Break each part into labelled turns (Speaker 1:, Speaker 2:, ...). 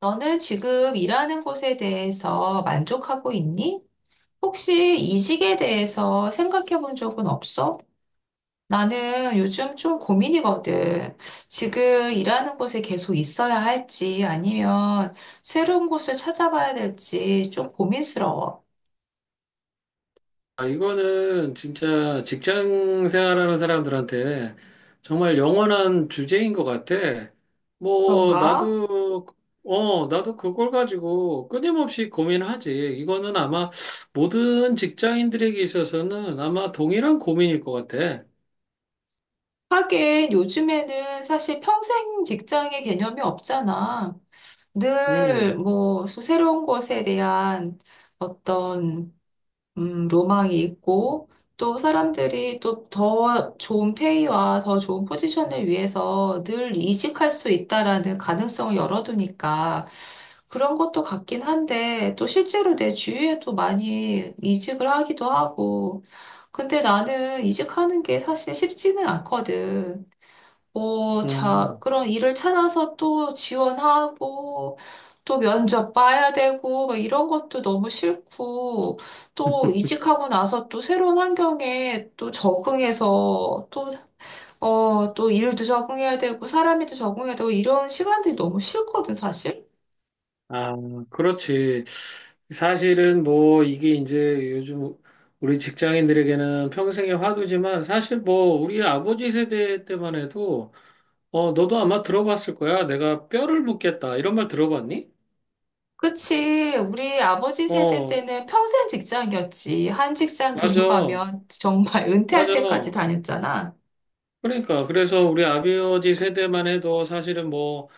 Speaker 1: 너는 지금 일하는 곳에 대해서 만족하고 있니? 혹시 이직에 대해서 생각해 본 적은 없어? 나는 요즘 좀 고민이거든. 지금 일하는 곳에 계속 있어야 할지 아니면 새로운 곳을 찾아봐야 될지 좀 고민스러워.
Speaker 2: 아, 이거는 진짜 직장 생활하는 사람들한테 정말 영원한 주제인 것 같아. 뭐,
Speaker 1: 그런가?
Speaker 2: 나도 그걸 가지고 끊임없이 고민하지. 이거는 아마 모든 직장인들에게 있어서는 아마 동일한 고민일 것 같아.
Speaker 1: 하긴 요즘에는 사실 평생 직장의 개념이 없잖아. 늘
Speaker 2: 음,
Speaker 1: 뭐 새로운 곳에 대한 어떤 로망이 있고, 또 사람들이 또 더 좋은 페이와 더 좋은 포지션을 위해서 늘 이직할 수 있다라는 가능성을 열어두니까 그런 것도 같긴 한데, 또 실제로 내 주위에도 많이 이직을 하기도 하고, 근데 나는 이직하는 게 사실 쉽지는 않거든. 자,
Speaker 2: 음.
Speaker 1: 그런 일을 찾아서 또 지원하고, 또 면접 봐야 되고, 막 이런 것도 너무 싫고, 또 이직하고 나서 또 새로운 환경에 또 적응해서, 또, 또 일도 적응해야 되고, 사람에도 적응해야 되고, 이런 시간들이 너무 싫거든, 사실.
Speaker 2: 아, 그렇지. 사실은 뭐 이게 이제 요즘 우리 직장인들에게는 평생의 화두지만 사실 뭐 우리 아버지 세대 때만 해도 너도 아마 들어봤을 거야. 내가 뼈를 묻겠다. 이런 말 들어봤니?
Speaker 1: 그치. 우리 아버지 세대
Speaker 2: 어,
Speaker 1: 때는 평생 직장이었지. 한 직장
Speaker 2: 맞아.
Speaker 1: 들어가면 정말 은퇴할
Speaker 2: 맞아.
Speaker 1: 때까지 다녔잖아.
Speaker 2: 그러니까. 그래서 우리 아버지 세대만 해도 사실은 뭐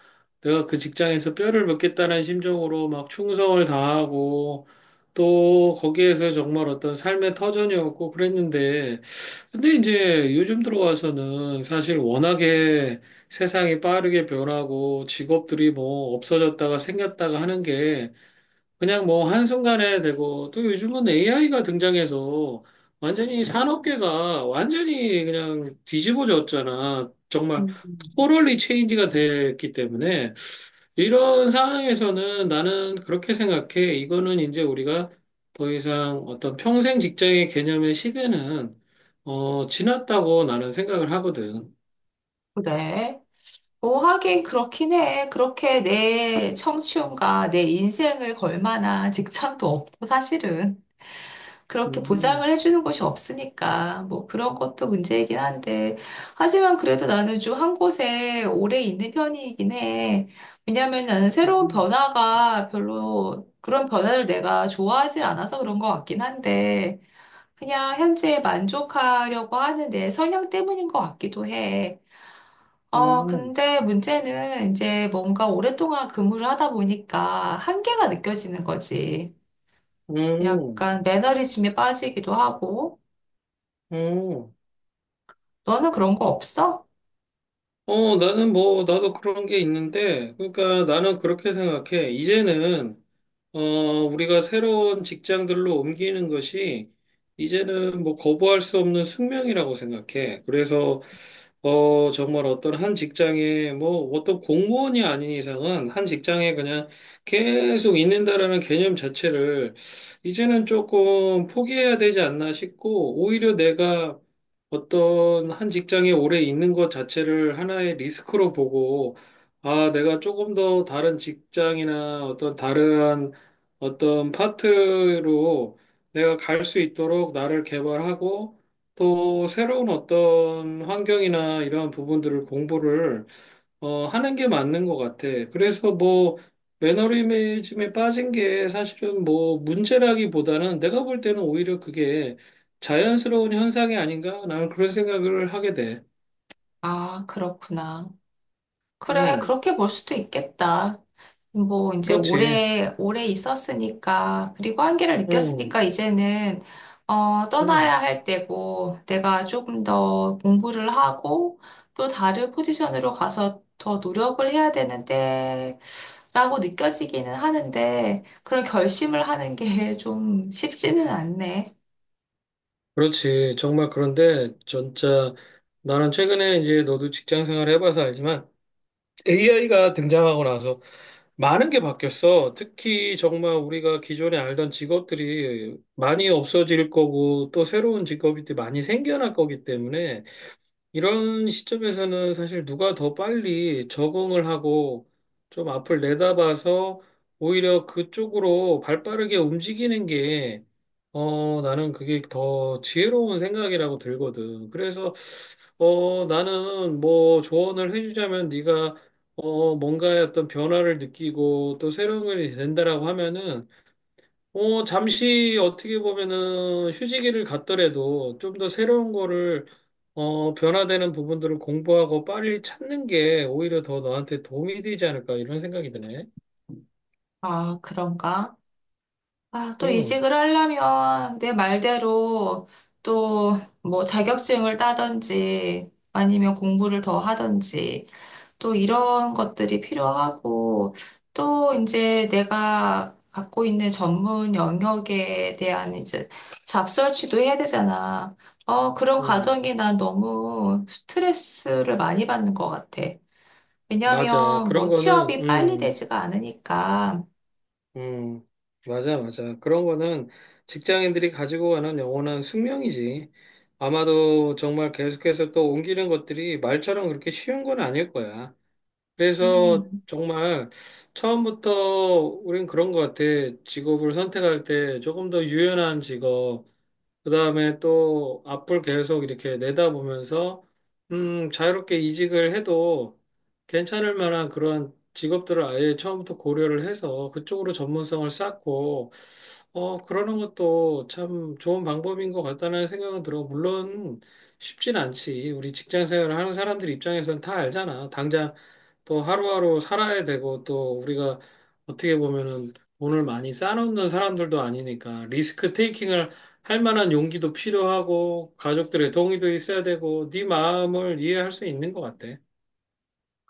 Speaker 2: 내가 그 직장에서 뼈를 묻겠다는 심정으로 막 충성을 다하고 또 거기에서 정말 어떤 삶의 터전이었고 그랬는데, 근데 이제 요즘 들어와서는 사실 워낙에 세상이 빠르게 변하고 직업들이 뭐 없어졌다가 생겼다가 하는 게 그냥 뭐 한순간에 되고, 또 요즘은 AI가 등장해서 완전히 산업계가 완전히 그냥 뒤집어졌잖아. 정말
Speaker 1: 음.
Speaker 2: 토럴리 체인지가 됐기 때문에 이런 상황에서는 나는 그렇게 생각해. 이거는 이제 우리가 더 이상 어떤 평생 직장의 개념의 시대는 지났다고 나는 생각을 하거든.
Speaker 1: 그래. 하긴 그렇긴 해. 그렇게 내 청춘과 내 인생을 걸 만한 직장도 없고, 사실은. 그렇게 보장을
Speaker 2: 음,
Speaker 1: 해주는 곳이 없으니까, 뭐 그런 것도 문제이긴 한데. 하지만 그래도 나는 좀 한 곳에 오래 있는 편이긴 해. 왜냐면 나는 새로운
Speaker 2: 음,
Speaker 1: 변화가 별로, 그런 변화를 내가 좋아하지 않아서 그런 것 같긴 한데, 그냥 현재에 만족하려고 하는 내 성향 때문인 것 같기도 해.
Speaker 2: 음,
Speaker 1: 근데 문제는 이제 뭔가 오랫동안 근무를 하다 보니까 한계가 느껴지는 거지.
Speaker 2: 음,
Speaker 1: 약간 매너리즘에 빠지기도 하고.
Speaker 2: 음.
Speaker 1: 너는 그런 거 없어?
Speaker 2: 나는 뭐, 나도 그런 게 있는데, 그러니까 나는 그렇게 생각해. 이제는, 우리가 새로운 직장들로 옮기는 것이, 이제는 뭐, 거부할 수 없는 숙명이라고 생각해. 그래서, 정말 어떤 한 직장에, 뭐, 어떤 공무원이 아닌 이상은 한 직장에 그냥 계속 있는다라는 개념 자체를, 이제는 조금 포기해야 되지 않나 싶고, 오히려 내가 어떤 한 직장에 오래 있는 것 자체를 하나의 리스크로 보고, 아, 내가 조금 더 다른 직장이나 어떤 다른 어떤 파트로 내가 갈 수 있도록 나를 개발하고 또 새로운 어떤 환경이나 이러한 부분들을 공부를 하는 게 맞는 것 같아. 그래서 뭐, 매너리즘에 빠진 게 사실은 뭐, 문제라기보다는 내가 볼 때는 오히려 그게 자연스러운 현상이 아닌가? 나는 그런 생각을 하게 돼.
Speaker 1: 아, 그렇구나. 그래,
Speaker 2: 음,
Speaker 1: 그렇게 볼 수도 있겠다. 뭐, 이제
Speaker 2: 그렇지.
Speaker 1: 오래, 오래 있었으니까, 그리고 한계를
Speaker 2: 음,
Speaker 1: 느꼈으니까, 이제는,
Speaker 2: 음,
Speaker 1: 떠나야 할 때고, 내가 조금 더 공부를 하고, 또 다른 포지션으로 가서 더 노력을 해야 되는데, 라고 느껴지기는 하는데, 그런 결심을 하는 게 좀 쉽지는 않네.
Speaker 2: 그렇지. 정말 그런데, 진짜, 나는 최근에 이제 너도 직장 생활 해봐서 알지만, AI가 등장하고 나서 많은 게 바뀌었어. 특히 정말 우리가 기존에 알던 직업들이 많이 없어질 거고 또 새로운 직업이 또 많이 생겨날 거기 때문에 이런 시점에서는 사실 누가 더 빨리 적응을 하고 좀 앞을 내다봐서 오히려 그쪽으로 발빠르게 움직이는 게, 나는 그게 더 지혜로운 생각이라고 들거든. 그래서, 나는 뭐 조언을 해주자면 네가, 뭔가의 어떤 변화를 느끼고 또 새로운 걸 된다라고 하면은 잠시 어떻게 보면은 휴지기를 갖더라도 좀 더 새로운 거를, 변화되는 부분들을 공부하고 빨리 찾는 게 오히려 더 너한테 도움이 되지 않을까 이런 생각이 드네.
Speaker 1: 아, 그런가? 아, 또
Speaker 2: 응,
Speaker 1: 이직을 하려면 내 말대로 또 뭐 자격증을 따든지 아니면 공부를 더 하든지 또 이런 것들이 필요하고 또 이제 내가 갖고 있는 전문 영역에 대한 이제 잡설치도 해야 되잖아. 그런
Speaker 2: 응,
Speaker 1: 과정이 난 너무 스트레스를 많이 받는 것 같아.
Speaker 2: 맞아.
Speaker 1: 왜냐하면
Speaker 2: 그런
Speaker 1: 뭐
Speaker 2: 거는,
Speaker 1: 취업이 빨리
Speaker 2: 응,
Speaker 1: 되지가 않으니까.
Speaker 2: 응, 맞아, 맞아. 그런 거는 직장인들이 가지고 가는 영원한 숙명이지. 아마도 정말 계속해서 또 옮기는 것들이 말처럼 그렇게 쉬운 건 아닐 거야. 그래서
Speaker 1: 음.
Speaker 2: 정말 처음부터 우린 그런 것 같아. 직업을 선택할 때 조금 더 유연한 직업, 그다음에 또 앞을 계속 이렇게 내다보면서 자유롭게 이직을 해도 괜찮을 만한 그런 직업들을 아예 처음부터 고려를 해서 그쪽으로 전문성을 쌓고 그러는 것도 참 좋은 방법인 것 같다는 생각은 들어. 물론 쉽진 않지. 우리 직장 생활을 하는 사람들 입장에서는 다 알잖아. 당장 또 하루하루 살아야 되고 또 우리가 어떻게 보면은 돈을 많이 쌓아놓는 사람들도 아니니까 리스크 테이킹을 할 만한 용기도 필요하고 가족들의 동의도 있어야 되고 네 마음을 이해할 수 있는 것 같아.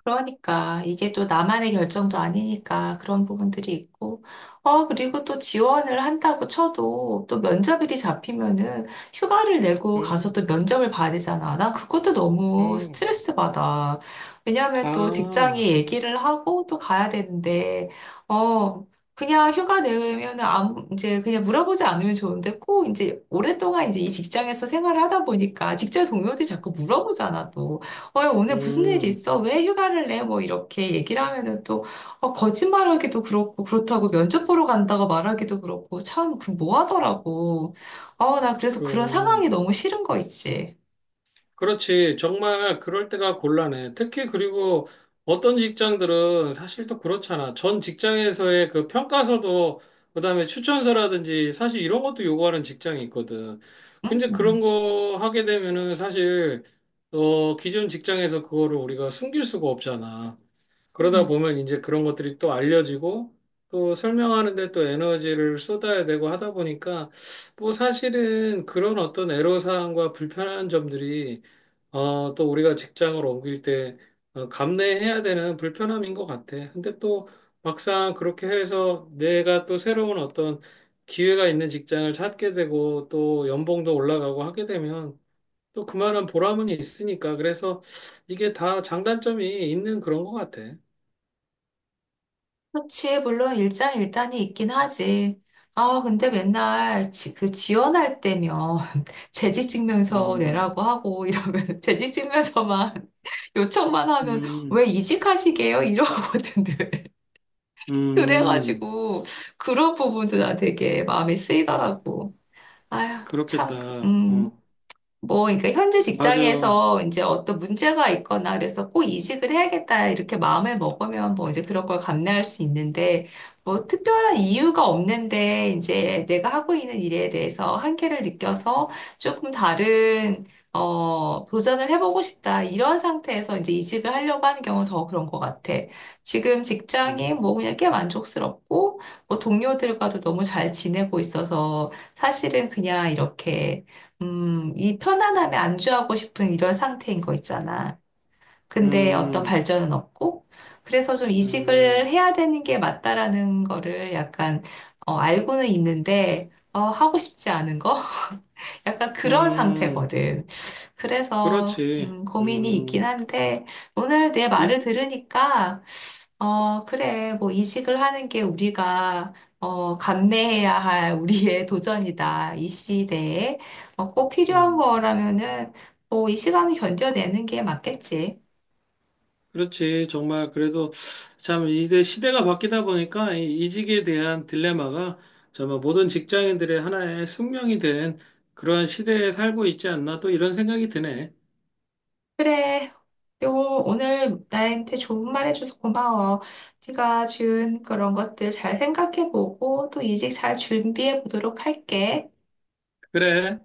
Speaker 1: 그러니까 이게 또 나만의 결정도 아니니까 그런 부분들이 있고 그리고 또 지원을 한다고 쳐도 또 면접일이 잡히면은 휴가를 내고 가서
Speaker 2: 음,
Speaker 1: 또 면접을 봐야 되잖아. 난 그것도 너무
Speaker 2: 음,
Speaker 1: 스트레스 받아. 왜냐하면 또 직장이
Speaker 2: 아,
Speaker 1: 얘기를 하고 또 가야 되는데 어 그냥 휴가 내면은 아무 이제 그냥 물어보지 않으면 좋은데 꼭 이제 오랫동안 이제 이 직장에서 생활을 하다 보니까 직장 동료들이 자꾸 물어보잖아 또. 어, 오늘 무슨 일이
Speaker 2: 음,
Speaker 1: 있어? 왜 휴가를 내? 뭐 이렇게 얘기를 하면은 또 거짓말하기도 그렇고 그렇다고 면접 보러 간다고 말하기도 그렇고 참 그럼 뭐 하더라고. 나 그래서 그런
Speaker 2: 그,
Speaker 1: 상황이 너무 싫은 거 있지.
Speaker 2: 그렇지. 정말 그럴 때가 곤란해. 특히 그리고 어떤 직장들은 사실 또 그렇잖아. 전 직장에서의 그 평가서도 그다음에 추천서라든지 사실 이런 것도 요구하는 직장이 있거든.
Speaker 1: 응?
Speaker 2: 근데 그런
Speaker 1: 음.
Speaker 2: 거 하게 되면은 사실 기존 직장에서 그거를 우리가 숨길 수가 없잖아. 그러다
Speaker 1: 음.
Speaker 2: 보면 이제 그런 것들이 또 알려지고 또 설명하는데 또 에너지를 쏟아야 되고 하다 보니까 뭐 사실은 그런 어떤 애로사항과 불편한 점들이, 또 우리가 직장을 옮길 때 감내해야 되는 불편함인 것 같아. 근데 또 막상 그렇게 해서 내가 또 새로운 어떤 기회가 있는 직장을 찾게 되고 또 연봉도 올라가고 하게 되면 또 그만한 보람은 있으니까, 그래서 이게 다 장단점이 있는 그런 것 같아.
Speaker 1: 그렇지. 물론 일장일단이 있긴 하지. 아, 근데 맨날 그 지원할 때면 재직증명서
Speaker 2: 음,
Speaker 1: 내라고 하고 이러면 재직증명서만 요청만 하면 왜
Speaker 2: 음,
Speaker 1: 이직하시게요? 이러거든.
Speaker 2: 음,
Speaker 1: 그래가지고 그런 부분도 난 되게 마음이 쓰이더라고. 아휴, 참,
Speaker 2: 그렇겠다.
Speaker 1: 음.
Speaker 2: 어,
Speaker 1: 뭐, 그러니까 현재
Speaker 2: 맞아.
Speaker 1: 직장에서 이제 어떤 문제가 있거나 그래서 꼭 이직을 해야겠다 이렇게 마음을 먹으면 뭐 이제 그런 걸 감내할 수 있는데 뭐 특별한 이유가 없는데 이제 내가 하고 있는 일에 대해서 한계를 느껴서 조금 다른 도전을 해보고 싶다 이런 상태에서 이제 이직을 하려고 하는 경우는 더 그런 것 같아. 지금 직장이
Speaker 2: 음,
Speaker 1: 뭐 그냥 꽤 만족스럽고 뭐 동료들과도 너무 잘 지내고 있어서 사실은 그냥 이렇게 이 편안함에 안주하고 싶은 이런 상태인 거 있잖아. 근데 어떤
Speaker 2: 음,
Speaker 1: 발전은 없고, 그래서 좀 이직을
Speaker 2: 음,
Speaker 1: 해야 되는 게 맞다라는 거를 약간, 알고는 있는데, 하고 싶지 않은 거? 약간 그런
Speaker 2: 음,
Speaker 1: 상태거든. 그래서,
Speaker 2: 그렇지.
Speaker 1: 고민이 있긴 한데, 오늘 내
Speaker 2: 이,
Speaker 1: 말을 들으니까 그래. 뭐, 이직을 하는 게 우리가, 감내해야 할 우리의 도전이다. 이 시대에. 꼭 필요한
Speaker 2: 음,
Speaker 1: 거라면은, 뭐, 이 시간을 견뎌내는 게 맞겠지.
Speaker 2: 그렇지. 정말 그래도 참 이제 시대가 바뀌다 보니까 이 이직에 대한 딜레마가 정말 모든 직장인들의 하나의 숙명이 된 그러한 시대에 살고 있지 않나 또 이런 생각이 드네.
Speaker 1: 그래. 오늘 나한테 좋은 말 해줘서 고마워. 네가 준 그런 것들 잘 생각해보고, 또 이직 잘 준비해보도록 할게.
Speaker 2: 그래.